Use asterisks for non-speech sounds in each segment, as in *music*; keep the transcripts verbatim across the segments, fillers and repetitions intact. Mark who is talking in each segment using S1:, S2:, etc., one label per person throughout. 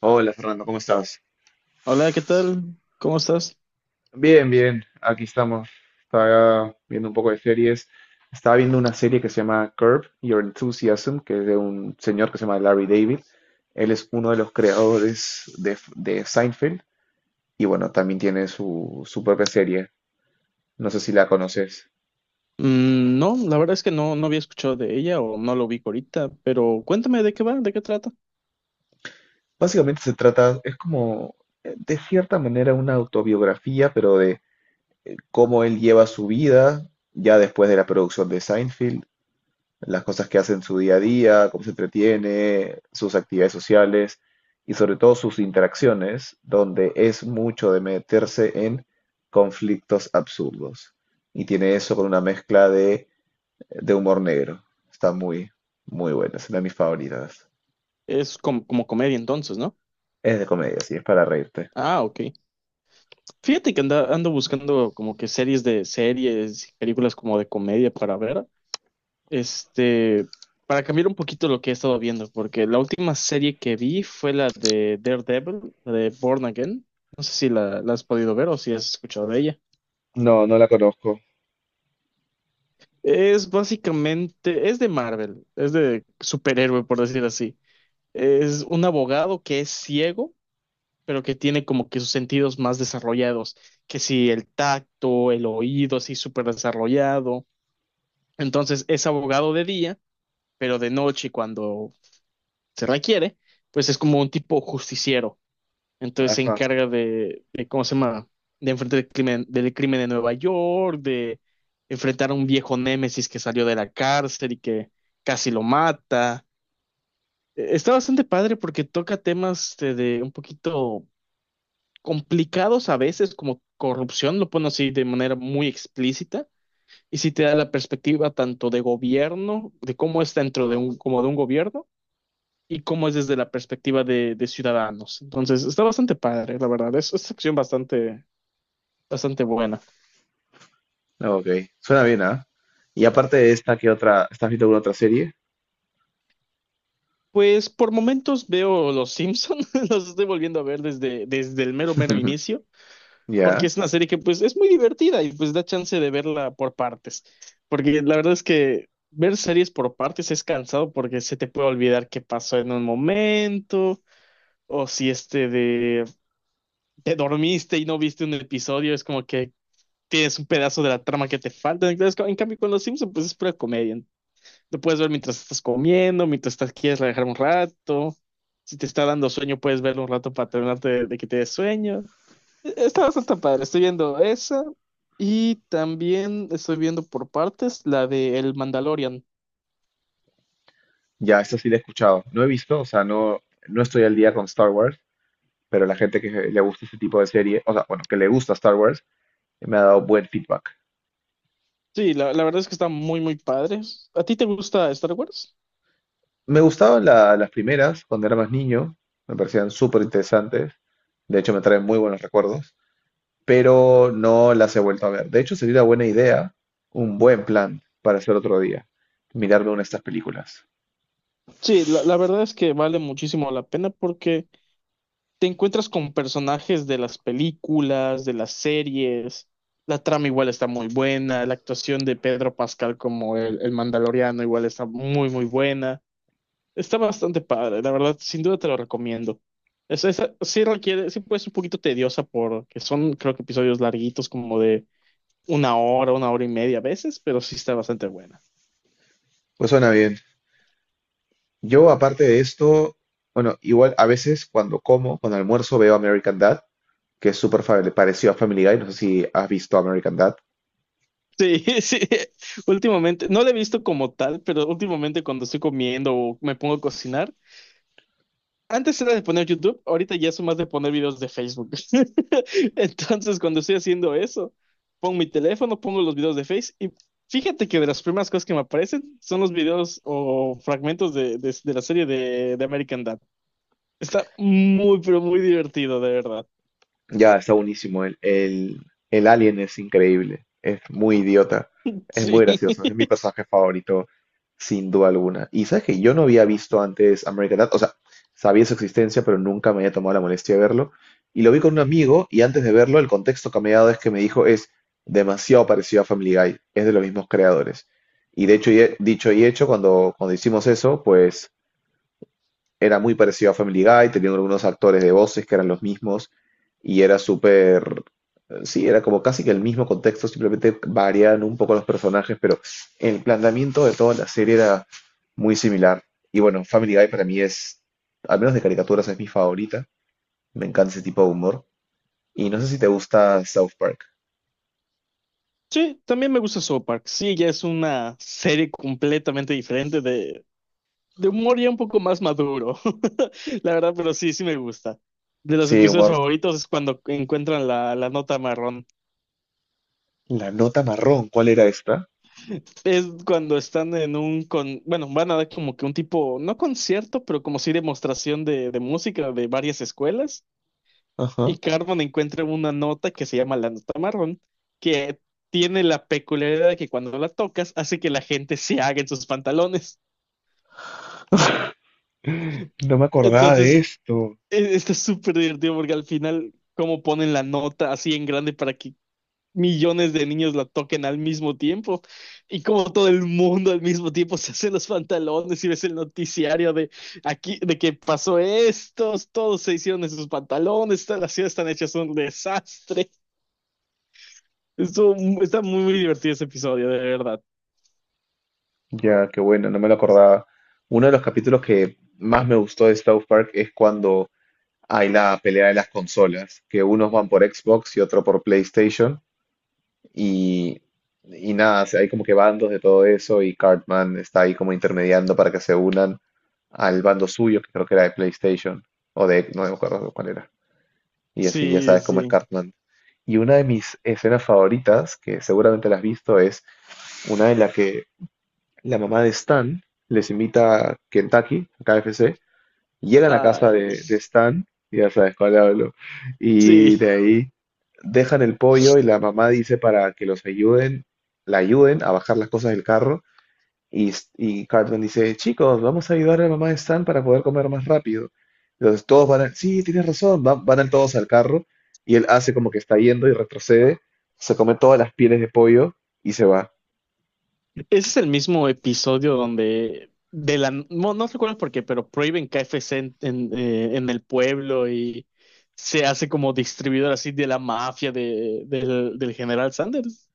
S1: Hola Fernando, ¿cómo estás?
S2: Hola, ¿qué tal? ¿Cómo estás?
S1: Bien, bien, aquí estamos. Estaba viendo un poco de series. Estaba viendo una serie que se llama Curb Your Enthusiasm, que es de un señor que se llama Larry David. Él es uno de los creadores de, de Seinfeld y bueno, también tiene su, su propia serie. No sé si la conoces.
S2: Mm, no, la verdad es que no, no había escuchado de ella o no lo ubico ahorita, pero cuéntame de qué va, de qué trata.
S1: Básicamente se trata, es como, eh, de cierta manera, una autobiografía, pero de cómo él lleva su vida ya después de la producción de Seinfeld, las cosas que hace en su día a día, cómo se entretiene, sus actividades sociales y sobre todo sus interacciones, donde es mucho de meterse en conflictos absurdos. Y tiene eso con una mezcla de, de humor negro. Está muy, muy buena, es una de mis favoritas.
S2: Es como, como comedia entonces, ¿no?
S1: Es de comedia, sí, es para reírte.
S2: Ah, ok. Fíjate que anda- ando buscando como que series de series, películas como de comedia para ver, este, para cambiar un poquito lo que he estado viendo, porque la última serie que vi fue la de Daredevil, la de Born Again. No sé si la, la has podido ver o si has escuchado de ella.
S1: No, no la conozco.
S2: Es básicamente, es de Marvel, es de superhéroe, por decir así. Es un abogado que es ciego, pero que tiene como que sus sentidos más desarrollados, que si el tacto, el oído, así súper desarrollado. Entonces es abogado de día, pero de noche cuando se requiere, pues es como un tipo justiciero entonces se
S1: Ajá.
S2: encarga de, de, ¿cómo se llama? De enfrentar el crimen, del crimen de Nueva York, de enfrentar a un viejo némesis que salió de la cárcel y que casi lo mata. Eh, Está bastante padre porque toca temas de, de un poquito complicados a veces, como corrupción, lo pone así de manera muy explícita. Y sí te da la perspectiva tanto de gobierno, de cómo es dentro de un, como de un gobierno, y cómo es desde la perspectiva de, de ciudadanos. Entonces, está bastante padre, la verdad. Es, es acción bastante, bastante buena.
S1: Ok, suena bien, ¿ah? Y aparte de esta, ¿qué otra? ¿Estás viendo alguna otra serie?
S2: Pues por momentos veo Los Simpson, *laughs* los estoy volviendo a ver desde, desde el mero mero
S1: *laughs*
S2: inicio, porque
S1: Ya.
S2: es una serie que pues es muy divertida y pues da chance de verla por partes, porque la verdad es que ver series por partes es cansado porque se te puede olvidar qué pasó en un momento, o si este de te dormiste y no viste un episodio, es como que tienes un pedazo de la trama que te falta. Entonces, en cambio con Los Simpson pues es pura comedia, lo puedes ver mientras estás comiendo, mientras estás, quieres relajar un rato. Si te está dando sueño, puedes verlo un rato para terminarte de, de que te dé sueño. E- Está bastante padre. Estoy viendo esa y también estoy viendo por partes la de El Mandalorian.
S1: Ya, esta sí la he escuchado. No he visto, o sea, no, no estoy al día con Star Wars, pero la gente que le gusta este tipo de serie, o sea, bueno, que le gusta Star Wars, me ha dado buen feedback.
S2: Sí, la, la verdad es que está muy, muy padre. ¿A ti te gusta Star Wars?
S1: Me gustaban la- las primeras cuando era más niño, me parecían súper interesantes, de hecho me traen muy buenos recuerdos, pero no las he vuelto a ver. De hecho, sería una buena idea, un buen plan para hacer otro día, mirarme una de estas películas.
S2: Sí, la, la verdad es que vale muchísimo la pena porque te encuentras con personajes de las películas, de las series. La trama igual está muy buena, la actuación de Pedro Pascal como el, el Mandaloriano igual está muy, muy buena. Está bastante padre, la verdad, sin duda te lo recomiendo. Es, es- sí requiere, sí puede ser un poquito tediosa porque son, creo que episodios larguitos como de una hora, una hora y media a veces, pero sí está bastante buena.
S1: Pues suena bien. Yo, aparte de esto, bueno, igual a veces cuando como, cuando almuerzo veo American Dad, que es súper fa- parecido a Family Guy. No sé si has visto American Dad.
S2: Sí, *laughs* sí, últimamente, no la he visto como tal, pero últimamente cuando estoy comiendo o me pongo a cocinar, antes era de poner YouTube, ahorita ya son más de poner videos de Facebook. *laughs* Entonces, cuando estoy haciendo eso, pongo mi teléfono, pongo los videos de Face y fíjate que de las primeras cosas que me aparecen son los videos o fragmentos de, de- de la serie de, de American Dad. Está muy, pero muy divertido, de verdad.
S1: Ya, está buenísimo. El, el, el alien es increíble. Es muy idiota. Es
S2: Sí.
S1: muy gracioso. Es mi
S2: *laughs*
S1: personaje favorito, sin duda alguna. Y sabes que yo no había visto antes American Dad. O sea, sabía su existencia, pero nunca me había tomado la molestia de verlo. Y lo vi con un amigo y antes de verlo, el contexto que me ha dado es que me dijo, es demasiado parecido a Family Guy. Es de los mismos creadores. Y de hecho, y he- dicho y hecho, cuando, cuando hicimos eso, pues era muy parecido a Family Guy, teniendo algunos actores de voces que eran los mismos y era súper, sí, era como casi que el mismo contexto, simplemente variaban un poco los personajes, pero el planteamiento de toda la serie era muy similar. Y bueno, Family Guy para mí es, al menos de caricaturas, es mi favorita. Me encanta ese tipo de humor. Y no sé si te gusta South Park.
S2: Sí, también me gusta South Park. Sí, ya es una serie completamente diferente de, de humor ya un poco más maduro, *laughs* la verdad, pero sí, sí me gusta. De los
S1: Sí,
S2: episodios
S1: humor.
S2: favoritos es cuando encuentran la, la nota marrón.
S1: La nota marrón, ¿cuál era esta?
S2: Es cuando están en un con, bueno, van a dar como que un tipo, no concierto, pero como sí demostración de, de música de varias escuelas.
S1: Ajá.
S2: Y Carmen encuentra una nota que se llama la nota marrón, que tiene la peculiaridad de que cuando la tocas hace que la gente se haga en sus pantalones.
S1: No me acordaba de
S2: Entonces
S1: esto.
S2: E- está súper divertido porque al final, como ponen la nota así en grande para que millones de niños la toquen al mismo tiempo y como todo el mundo al mismo tiempo se hace los pantalones y ves el noticiario de aquí, de que pasó esto, todos se hicieron en sus pantalones, todas las ciudades están hechas un desastre. Estuvo mu- está muy, muy divertido ese episodio, de verdad.
S1: Ya, qué bueno, no me lo acordaba. Uno de los capítulos que más me gustó de South Park es cuando hay la pelea de las consolas, que unos van por Xbox y otro por PlayStation, y, y nada, o sea, hay como que bandos de todo eso, y Cartman está ahí como intermediando para que se unan al bando suyo, que creo que era de PlayStation, o de, no me acuerdo cuál era, y así ya
S2: Sí,
S1: sabes cómo es
S2: sí.
S1: Cartman. Y una de mis escenas favoritas, que seguramente la has visto, es una en la que la mamá de Stan les invita a Kentucky, a K F C, llegan a casa
S2: Ay,
S1: de, de Stan, ya sabes cuál hablo, y de
S2: sí.
S1: ahí dejan el pollo y la mamá dice para que los ayuden, la ayuden a bajar las cosas del carro y, y Cartman dice, chicos, vamos a ayudar a la mamá de Stan para poder comer más rápido. Entonces todos van, a- sí, tienes razón, van, van todos al carro y él hace como que está yendo y retrocede, se come todas las pieles de pollo y se va.
S2: Ese es el mismo episodio donde de la no, no recuerdo por qué, pero prohíben K F C en, en, eh, en el pueblo y se hace como distribuidor así de la mafia de, del, del general Sanders.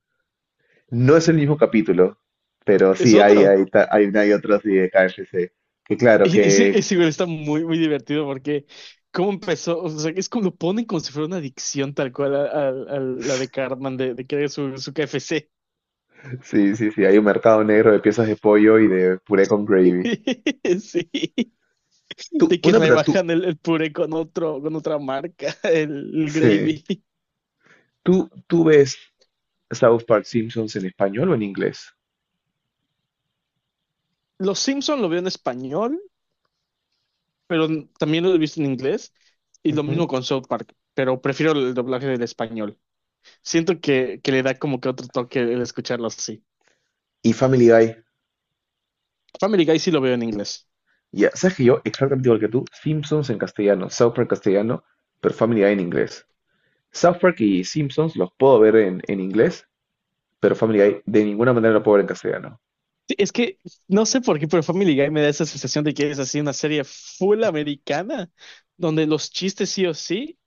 S1: No es el mismo capítulo, pero
S2: Es
S1: sí hay,
S2: otro.
S1: hay, ta- hay una y otra así de K F C. Que claro
S2: Y ese,
S1: que
S2: ese igual está muy, muy divertido porque cómo empezó, o sea, es como lo ponen como si fuera una adicción tal cual a, a- a la de Cartman de, de querer su, su K F C.
S1: sí, sí, sí, hay un mercado negro de piezas de pollo y de puré con gravy.
S2: *laughs* Sí,
S1: Tú,
S2: de que
S1: una pregunta, tú,
S2: rebajan el, el puré con otro, con otra marca, el el
S1: sí.
S2: gravy.
S1: ¿Tú, tú ves South Park, Simpsons en español o en inglés?
S2: Los Simpson lo veo en español, pero también lo he visto en inglés. Y lo mismo
S1: Ujú.
S2: con South Park, pero prefiero el doblaje del español. Siento que, que le da como que otro toque el escucharlo así.
S1: Y Family Guy.
S2: Family Guy sí lo veo en inglés.
S1: Ya, sabes que yo, exactamente igual que tú, Simpsons en castellano, South Park castellano, pero Family Guy en inglés. South Park y Simpsons los puedo ver en, en inglés, pero Family Guy de ninguna manera lo puedo ver en castellano.
S2: Sí, es que no sé por qué, pero Family Guy me da esa sensación de que es así una serie full americana, donde los chistes sí o sí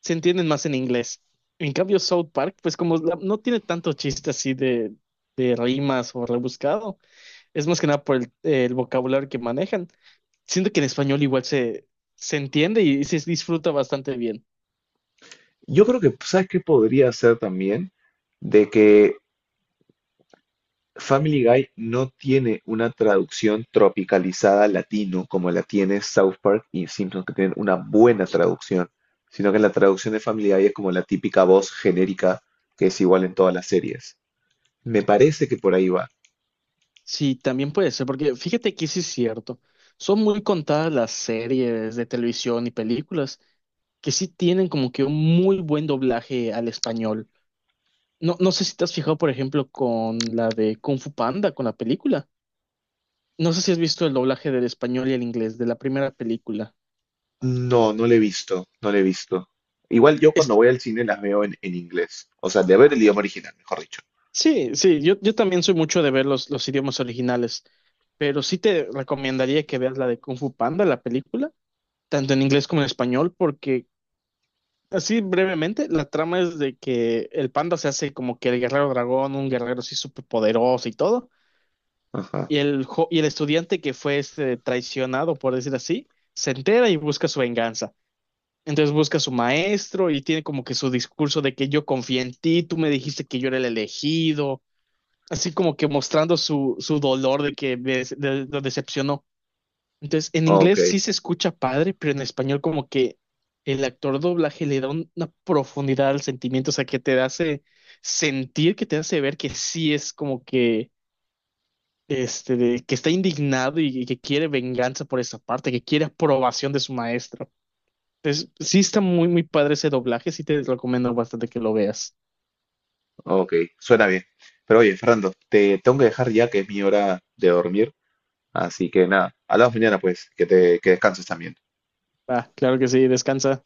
S2: se entienden más en inglés. En cambio, South Park, pues como la- no tiene tanto chiste así de, de rimas o rebuscado, es más que nada por el, el vocabulario que manejan. Siento que en español igual se, se entiende y se disfruta bastante bien.
S1: Yo creo que, pues, ¿sabes qué podría ser también? De que Family Guy no tiene una traducción tropicalizada al latino como la tiene South Park y Simpsons, que tienen una buena traducción, sino que la traducción de Family Guy es como la típica voz genérica que es igual en todas las series. Me parece que por ahí va.
S2: Sí, también puede ser, porque fíjate que sí es cierto. Son muy contadas las series de televisión y películas que sí tienen como que un muy buen doblaje al español. No, no sé si te has fijado, por ejemplo, con la de Kung Fu Panda, con la película. No sé si has visto el doblaje del español y el inglés de la primera película.
S1: No, no le he visto, no le he visto. Igual yo cuando voy al cine las veo en, en inglés, o sea, de ver el idioma original, mejor dicho.
S2: Sí, sí, yo, yo también soy mucho de ver los, los idiomas originales, pero sí te recomendaría que veas la de Kung Fu Panda, la película, tanto en inglés como en español, porque así brevemente, la trama es de que el panda se hace como que el guerrero dragón, un guerrero así súper poderoso y todo,
S1: Ajá,
S2: y el, jo- y el estudiante que fue este, traicionado, por decir así, se entera y busca su venganza. Entonces busca a su maestro y tiene como que su discurso de que yo confié en ti, tú me dijiste que yo era el elegido así como que mostrando su, su dolor de que des- de- lo decepcionó. Entonces, en
S1: ok.
S2: inglés sí se escucha padre, pero en español como que el actor doblaje le da un- una profundidad al sentimiento, o sea, que te hace sentir, que te hace ver que sí es como que, este, de- que está indignado y, y que quiere venganza por esa parte, que quiere aprobación de su maestro. Entonces, sí está muy, muy padre ese doblaje, sí te recomiendo bastante que lo veas.
S1: Ok, suena bien. Pero oye, Fernando, te tengo que dejar ya que es mi hora de dormir. Así que nada, hablamos mañana pues, que te que descanses también.
S2: Ah, claro que sí, descansa.